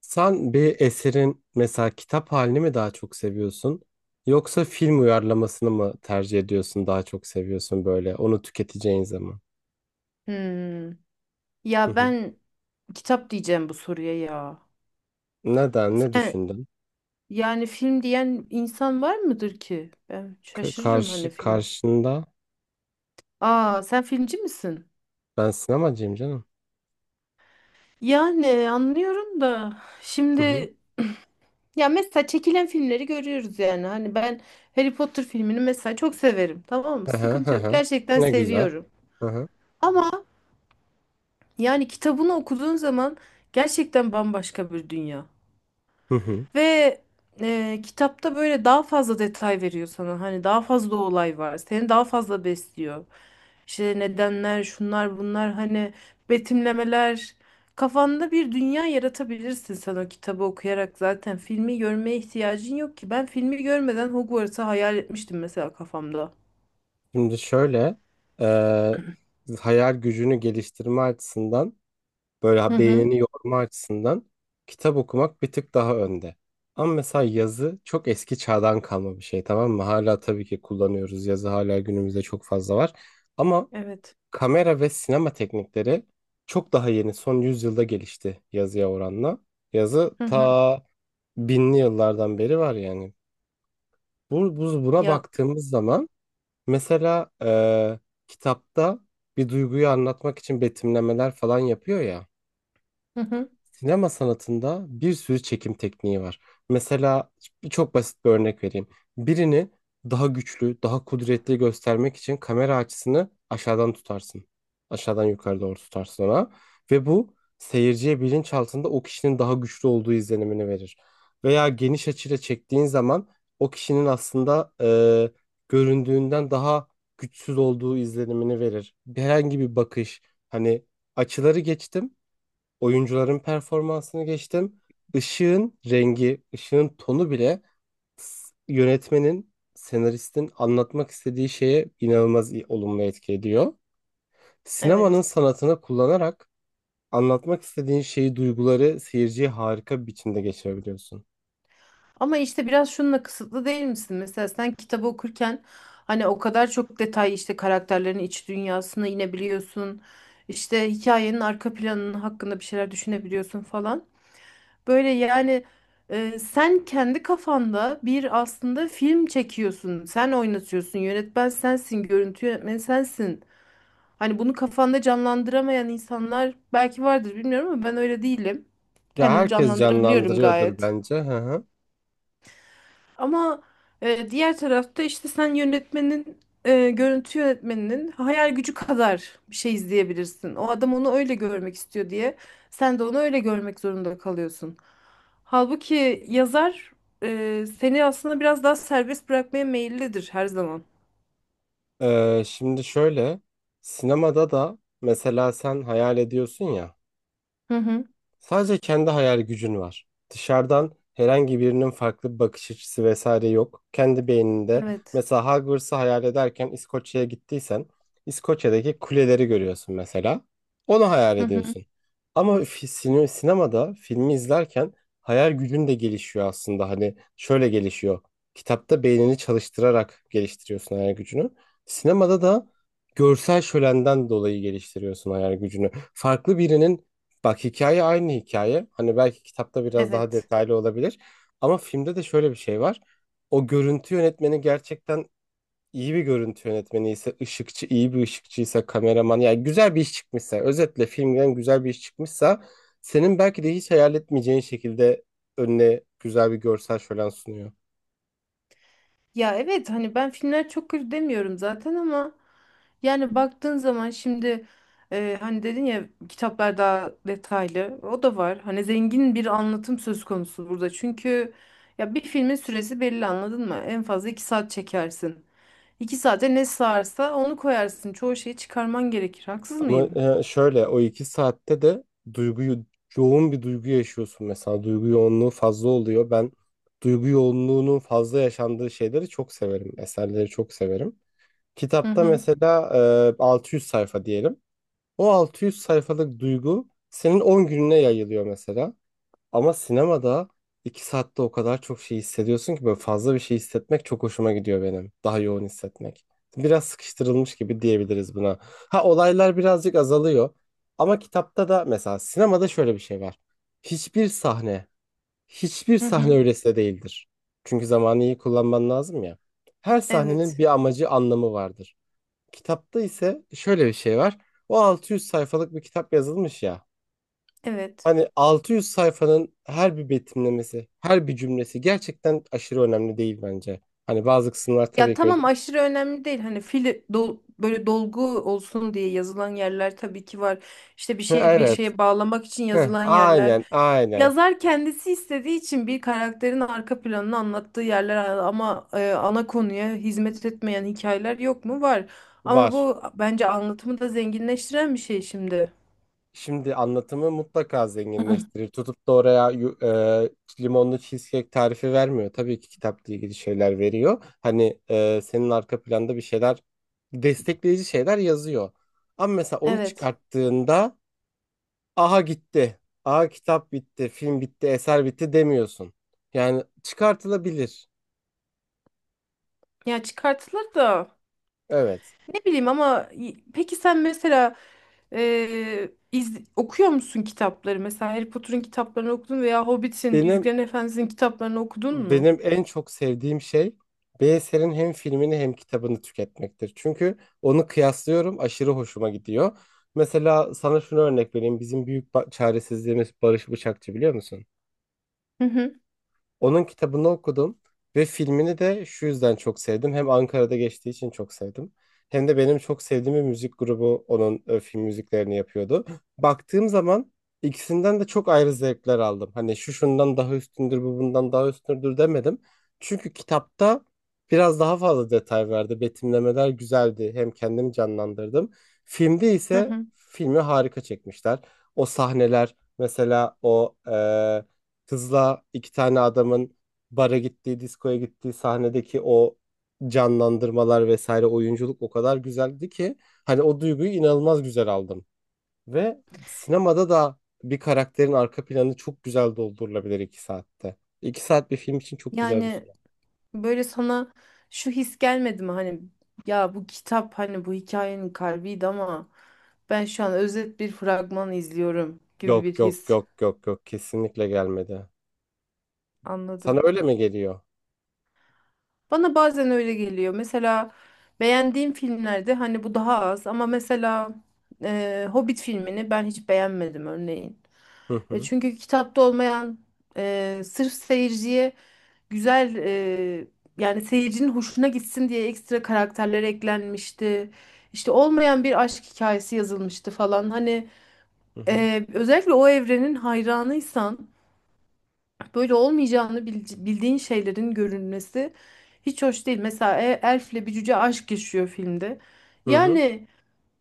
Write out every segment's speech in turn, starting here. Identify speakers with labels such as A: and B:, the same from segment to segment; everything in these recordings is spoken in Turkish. A: Sen bir eserin mesela kitap halini mi daha çok seviyorsun yoksa film uyarlamasını mı tercih ediyorsun daha çok seviyorsun böyle onu tüketeceğin zaman?
B: Hmm.
A: Hı
B: Ya
A: hı.
B: ben kitap diyeceğim bu soruya ya.
A: Neden? Ne
B: Sen
A: düşündün?
B: yani film diyen insan var mıdır ki? Ben şaşırırım hani
A: Karşı
B: film.
A: karşında
B: Aa sen filmci misin?
A: ben sinemacıyım canım.
B: Yani anlıyorum da
A: Hı hı.
B: şimdi ya mesela çekilen filmleri görüyoruz yani. Hani ben Harry Potter filmini mesela çok severim. Tamam mı?
A: Hı hı, hı
B: Sıkıntı yok.
A: hı.
B: Gerçekten
A: Ne güzel.
B: seviyorum.
A: Hı hı.
B: Ama yani kitabını okuduğun zaman gerçekten bambaşka bir dünya.
A: Hı hı.
B: Ve kitapta böyle daha fazla detay veriyor sana. Hani daha fazla olay var. Seni daha fazla besliyor. İşte nedenler, şunlar, bunlar hani betimlemeler. Kafanda bir dünya yaratabilirsin sen o kitabı okuyarak zaten. Filmi görmeye ihtiyacın yok ki. Ben filmi görmeden Hogwarts'ı hayal etmiştim mesela kafamda.
A: Şimdi şöyle, e, hayal gücünü geliştirme açısından, böyle
B: Hı hı.
A: beynini yorma açısından kitap okumak bir tık daha önde. Ama mesela yazı çok eski çağdan kalma bir şey, tamam mı? Hala tabii ki kullanıyoruz. Yazı hala günümüzde çok fazla var. Ama
B: Evet.
A: kamera ve sinema teknikleri çok daha yeni. Son yüzyılda gelişti yazıya oranla. Yazı
B: Hı hı.
A: ta binli yıllardan beri var yani. Buna
B: Ya.
A: baktığımız zaman mesela kitapta bir duyguyu anlatmak için betimlemeler falan yapıyor ya.
B: Hı hı.
A: Sinema sanatında bir sürü çekim tekniği var. Mesela çok basit bir örnek vereyim. Birini daha güçlü, daha kudretli göstermek için kamera açısını aşağıdan tutarsın. Aşağıdan yukarı doğru tutarsın ona. Ve bu seyirciye bilinçaltında o kişinin daha güçlü olduğu izlenimini verir. Veya geniş açıyla çektiğin zaman o kişinin aslında göründüğünden daha güçsüz olduğu izlenimini verir. Herhangi bir bakış, hani açıları geçtim. Oyuncuların performansını geçtim. Işığın rengi, ışığın tonu bile yönetmenin, senaristin anlatmak istediği şeye inanılmaz olumlu etki ediyor. Sinemanın
B: Evet.
A: sanatını kullanarak anlatmak istediğin şeyi, duyguları seyirciye harika bir biçimde geçirebiliyorsun.
B: Ama işte biraz şununla kısıtlı değil misin? Mesela sen kitabı okurken hani o kadar çok detay işte karakterlerin iç dünyasına inebiliyorsun. İşte hikayenin arka planının hakkında bir şeyler düşünebiliyorsun falan. Böyle yani sen kendi kafanda bir aslında film çekiyorsun. Sen oynatıyorsun. Yönetmen sensin, görüntü yönetmeni sensin. Hani bunu kafanda canlandıramayan insanlar belki vardır bilmiyorum ama ben öyle değilim.
A: Ya
B: Kendim
A: herkes
B: canlandırabiliyorum
A: canlandırıyordur
B: gayet.
A: bence. Hı hı.
B: Ama diğer tarafta işte sen yönetmenin görüntü yönetmeninin hayal gücü kadar bir şey izleyebilirsin. O adam onu öyle görmek istiyor diye sen de onu öyle görmek zorunda kalıyorsun. Halbuki yazar seni aslında biraz daha serbest bırakmaya meyillidir her zaman.
A: Şimdi şöyle, sinemada da mesela sen hayal ediyorsun ya.
B: Hı hı.
A: Sadece kendi hayal gücün var. Dışarıdan herhangi birinin farklı bir bakış açısı vesaire yok. Kendi beyninde
B: Evet.
A: mesela Hogwarts'ı hayal ederken İskoçya'ya gittiysen İskoçya'daki kuleleri görüyorsun mesela. Onu hayal
B: Hı hı.
A: ediyorsun. Ama sinemada filmi izlerken hayal gücün de gelişiyor aslında. Hani şöyle gelişiyor. Kitapta beynini çalıştırarak geliştiriyorsun hayal gücünü. Sinemada da görsel şölenden dolayı geliştiriyorsun hayal gücünü. Farklı birinin... Bak, hikaye aynı hikaye. Hani belki kitapta biraz daha
B: Evet.
A: detaylı olabilir. Ama filmde de şöyle bir şey var. O görüntü yönetmeni gerçekten iyi bir görüntü yönetmeni ise, ışıkçı iyi bir ışıkçıysa, kameraman yani güzel bir iş çıkmışsa, özetle filmden güzel bir iş çıkmışsa senin belki de hiç hayal etmeyeceğin şekilde önüne güzel bir görsel şölen sunuyor.
B: Ya evet hani ben filmler çok kötü demiyorum zaten ama yani baktığın zaman şimdi hani dedin ya kitaplar daha detaylı o da var. Hani zengin bir anlatım söz konusu burada çünkü ya bir filmin süresi belli anladın mı? En fazla iki saat çekersin. İki saate ne sığarsa onu koyarsın. Çoğu şeyi çıkarman gerekir. Haksız
A: Ama
B: mıyım?
A: şöyle, o iki saatte de duyguyu, yoğun bir duygu yaşıyorsun mesela, duygu yoğunluğu fazla oluyor. Ben duygu yoğunluğunun fazla yaşandığı şeyleri çok severim. Eserleri çok severim.
B: Hı
A: Kitapta
B: hı.
A: mesela 600 sayfa diyelim. O 600 sayfalık duygu senin 10 gününe yayılıyor mesela. Ama sinemada iki saatte o kadar çok şey hissediyorsun ki böyle fazla bir şey hissetmek çok hoşuma gidiyor benim. Daha yoğun hissetmek. Biraz sıkıştırılmış gibi diyebiliriz buna. Ha, olaylar birazcık azalıyor. Ama kitapta da mesela sinemada şöyle bir şey var. Hiçbir sahne, hiçbir
B: Hı
A: sahne
B: hı.
A: öylesine değildir. Çünkü zamanı iyi kullanman lazım ya. Her sahnenin
B: Evet.
A: bir amacı, anlamı vardır. Kitapta ise şöyle bir şey var. O 600 sayfalık bir kitap yazılmış ya.
B: Evet.
A: Hani 600 sayfanın her bir betimlemesi, her bir cümlesi gerçekten aşırı önemli değil bence. Hani bazı kısımlar
B: Ya
A: tabii ki öyle.
B: tamam aşırı önemli değil. Böyle dolgu olsun diye yazılan yerler tabii ki var. İşte bir şey bir
A: Evet.
B: şeye bağlamak için
A: Hı,
B: yazılan yerler.
A: aynen, aynen.
B: Yazar kendisi istediği için bir karakterin arka planını anlattığı yerler ama ana konuya hizmet etmeyen hikayeler yok mu? Var. Ama
A: Var.
B: bu bence anlatımı da zenginleştiren bir şey şimdi.
A: Şimdi anlatımı mutlaka zenginleştirir. Tutup da oraya limonlu cheesecake tarifi vermiyor. Tabii ki kitapla ilgili şeyler veriyor. Hani senin arka planda bir şeyler, destekleyici şeyler yazıyor. Ama mesela onu
B: Evet.
A: çıkarttığında aha gitti, aha kitap bitti, film bitti, eser bitti demiyorsun. Yani çıkartılabilir.
B: Ya çıkartılır da
A: Evet.
B: ne bileyim ama peki sen mesela okuyor musun kitapları? Mesela Harry Potter'ın kitaplarını okudun veya Hobbit'in,
A: Benim
B: Yüzüklerin Efendisi'nin kitaplarını okudun mu?
A: benim en çok sevdiğim şey bir eserin hem filmini hem kitabını tüketmektir. Çünkü onu kıyaslıyorum, aşırı hoşuma gidiyor. Mesela sana şunu örnek vereyim. Bizim çaresizliğimiz Barış Bıçakçı, biliyor musun?
B: Hı hı,
A: Onun kitabını okudum ve filmini de şu yüzden çok sevdim. Hem Ankara'da geçtiği için çok sevdim. Hem de benim çok sevdiğim bir müzik grubu onun film müziklerini yapıyordu. Baktığım zaman ikisinden de çok ayrı zevkler aldım. Hani şu şundan daha üstündür, bu bundan daha üstündür demedim. Çünkü kitapta biraz daha fazla detay verdi. Betimlemeler güzeldi. Hem kendimi canlandırdım. Filmde
B: hı
A: ise
B: hı.
A: filmi harika çekmişler. O sahneler mesela o kızla iki tane adamın bara gittiği, diskoya gittiği sahnedeki o canlandırmalar vesaire, oyunculuk o kadar güzeldi ki hani o duyguyu inanılmaz güzel aldım. Ve sinemada da bir karakterin arka planı çok güzel doldurulabilir iki saatte. İki saat bir film için çok güzel bir
B: Yani
A: süre.
B: böyle sana şu his gelmedi mi? Hani ya bu kitap hani bu hikayenin kalbiydi ama ben şu an özet bir fragman izliyorum gibi
A: Yok
B: bir
A: yok
B: his.
A: yok yok yok, kesinlikle gelmedi. Sana
B: Anladım.
A: öyle mi geliyor?
B: Bana bazen öyle geliyor. Mesela beğendiğim filmlerde hani bu daha az ama mesela Hobbit filmini ben hiç beğenmedim örneğin.
A: Hı hı,
B: Çünkü kitapta olmayan sırf seyirciye güzel e, yani seyircinin hoşuna gitsin diye ekstra karakterler eklenmişti. İşte olmayan bir aşk hikayesi yazılmıştı falan. Hani
A: hı hı,
B: özellikle o evrenin hayranıysan böyle olmayacağını bildiğin şeylerin görünmesi hiç hoş değil. Mesela elfle bir cüce aşk yaşıyor filmde.
A: hı hı.
B: Yani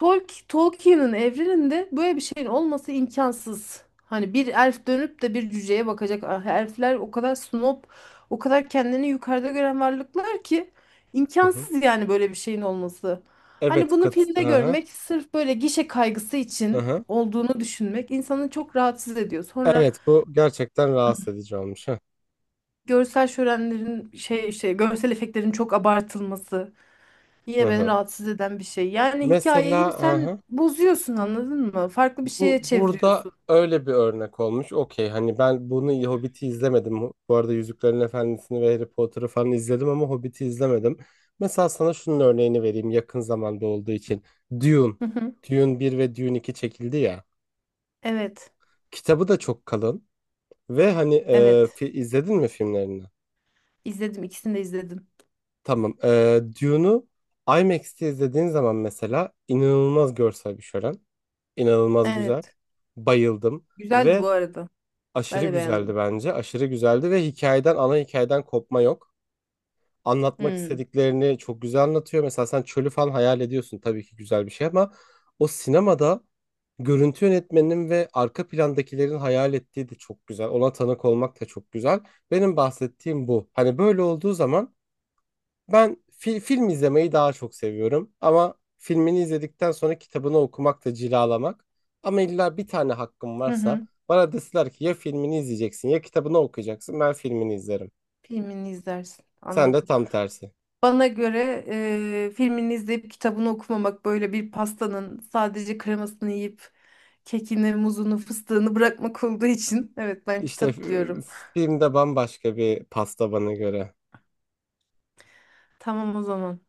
B: Tolkien'in evreninde böyle bir şeyin olması imkansız. Hani bir elf dönüp de bir cüceye bakacak. Ah, elfler o kadar snob, o kadar kendini yukarıda gören varlıklar ki
A: Hı hı.
B: imkansız yani böyle bir şeyin olması. Hani
A: Evet,
B: bunu
A: kat, hı
B: filmde
A: hı,
B: görmek sırf böyle gişe kaygısı
A: hı
B: için
A: hı.
B: olduğunu düşünmek insanı çok rahatsız ediyor. Sonra
A: Evet, bu gerçekten rahatsız edici olmuş. Hı
B: görsel şölenlerin şey işte görsel efektlerin çok abartılması
A: hı,
B: yine beni
A: hı.
B: rahatsız eden bir şey. Yani
A: Mesela
B: hikayeyi sen
A: aha,
B: bozuyorsun anladın mı? Farklı bir
A: bu
B: şeye
A: burada
B: çeviriyorsun.
A: öyle bir örnek olmuş. Okey, hani ben bunu, Hobbit'i izlemedim. Bu arada Yüzüklerin Efendisi'ni ve Harry Potter'ı falan izledim ama Hobbit'i izlemedim. Mesela sana şunun örneğini vereyim yakın zamanda olduğu için. Dune.
B: Hı hı.
A: Dune bir ve Dune iki çekildi ya.
B: Evet.
A: Kitabı da çok kalın. Ve hani
B: Evet.
A: izledin mi filmlerini?
B: İzledim. İkisini de izledim.
A: Tamam. E, Dune'u IMAX'te izlediğin zaman mesela inanılmaz görsel bir şölen. İnanılmaz güzel.
B: Evet.
A: Bayıldım.
B: Güzeldi
A: Ve
B: bu arada. Ben
A: aşırı
B: de
A: güzeldi
B: beğendim.
A: bence. Aşırı güzeldi ve hikayeden, ana hikayeden kopma yok. Anlatmak
B: Hmm.
A: istediklerini çok güzel anlatıyor. Mesela sen çölü falan hayal ediyorsun. Tabii ki güzel bir şey ama o sinemada görüntü yönetmeninin ve arka plandakilerin hayal ettiği de çok güzel. Ona tanık olmak da çok güzel. Benim bahsettiğim bu. Hani böyle olduğu zaman ben film izlemeyi daha çok seviyorum ama filmini izledikten sonra kitabını okumak da cilalamak. Ama illa bir tane hakkım
B: Hı
A: varsa,
B: hı.
A: bana deseler ki ya filmini izleyeceksin ya kitabını okuyacaksın, ben filmini izlerim.
B: Filmini izlersin.
A: Sen de
B: Anladım.
A: tam tersi.
B: Bana göre filmini izleyip kitabını okumamak böyle bir pastanın sadece kremasını yiyip kekini, muzunu, fıstığını bırakmak olduğu için evet ben
A: İşte
B: kitap diyorum.
A: filmde bambaşka bir pasta bana göre.
B: Tamam o zaman.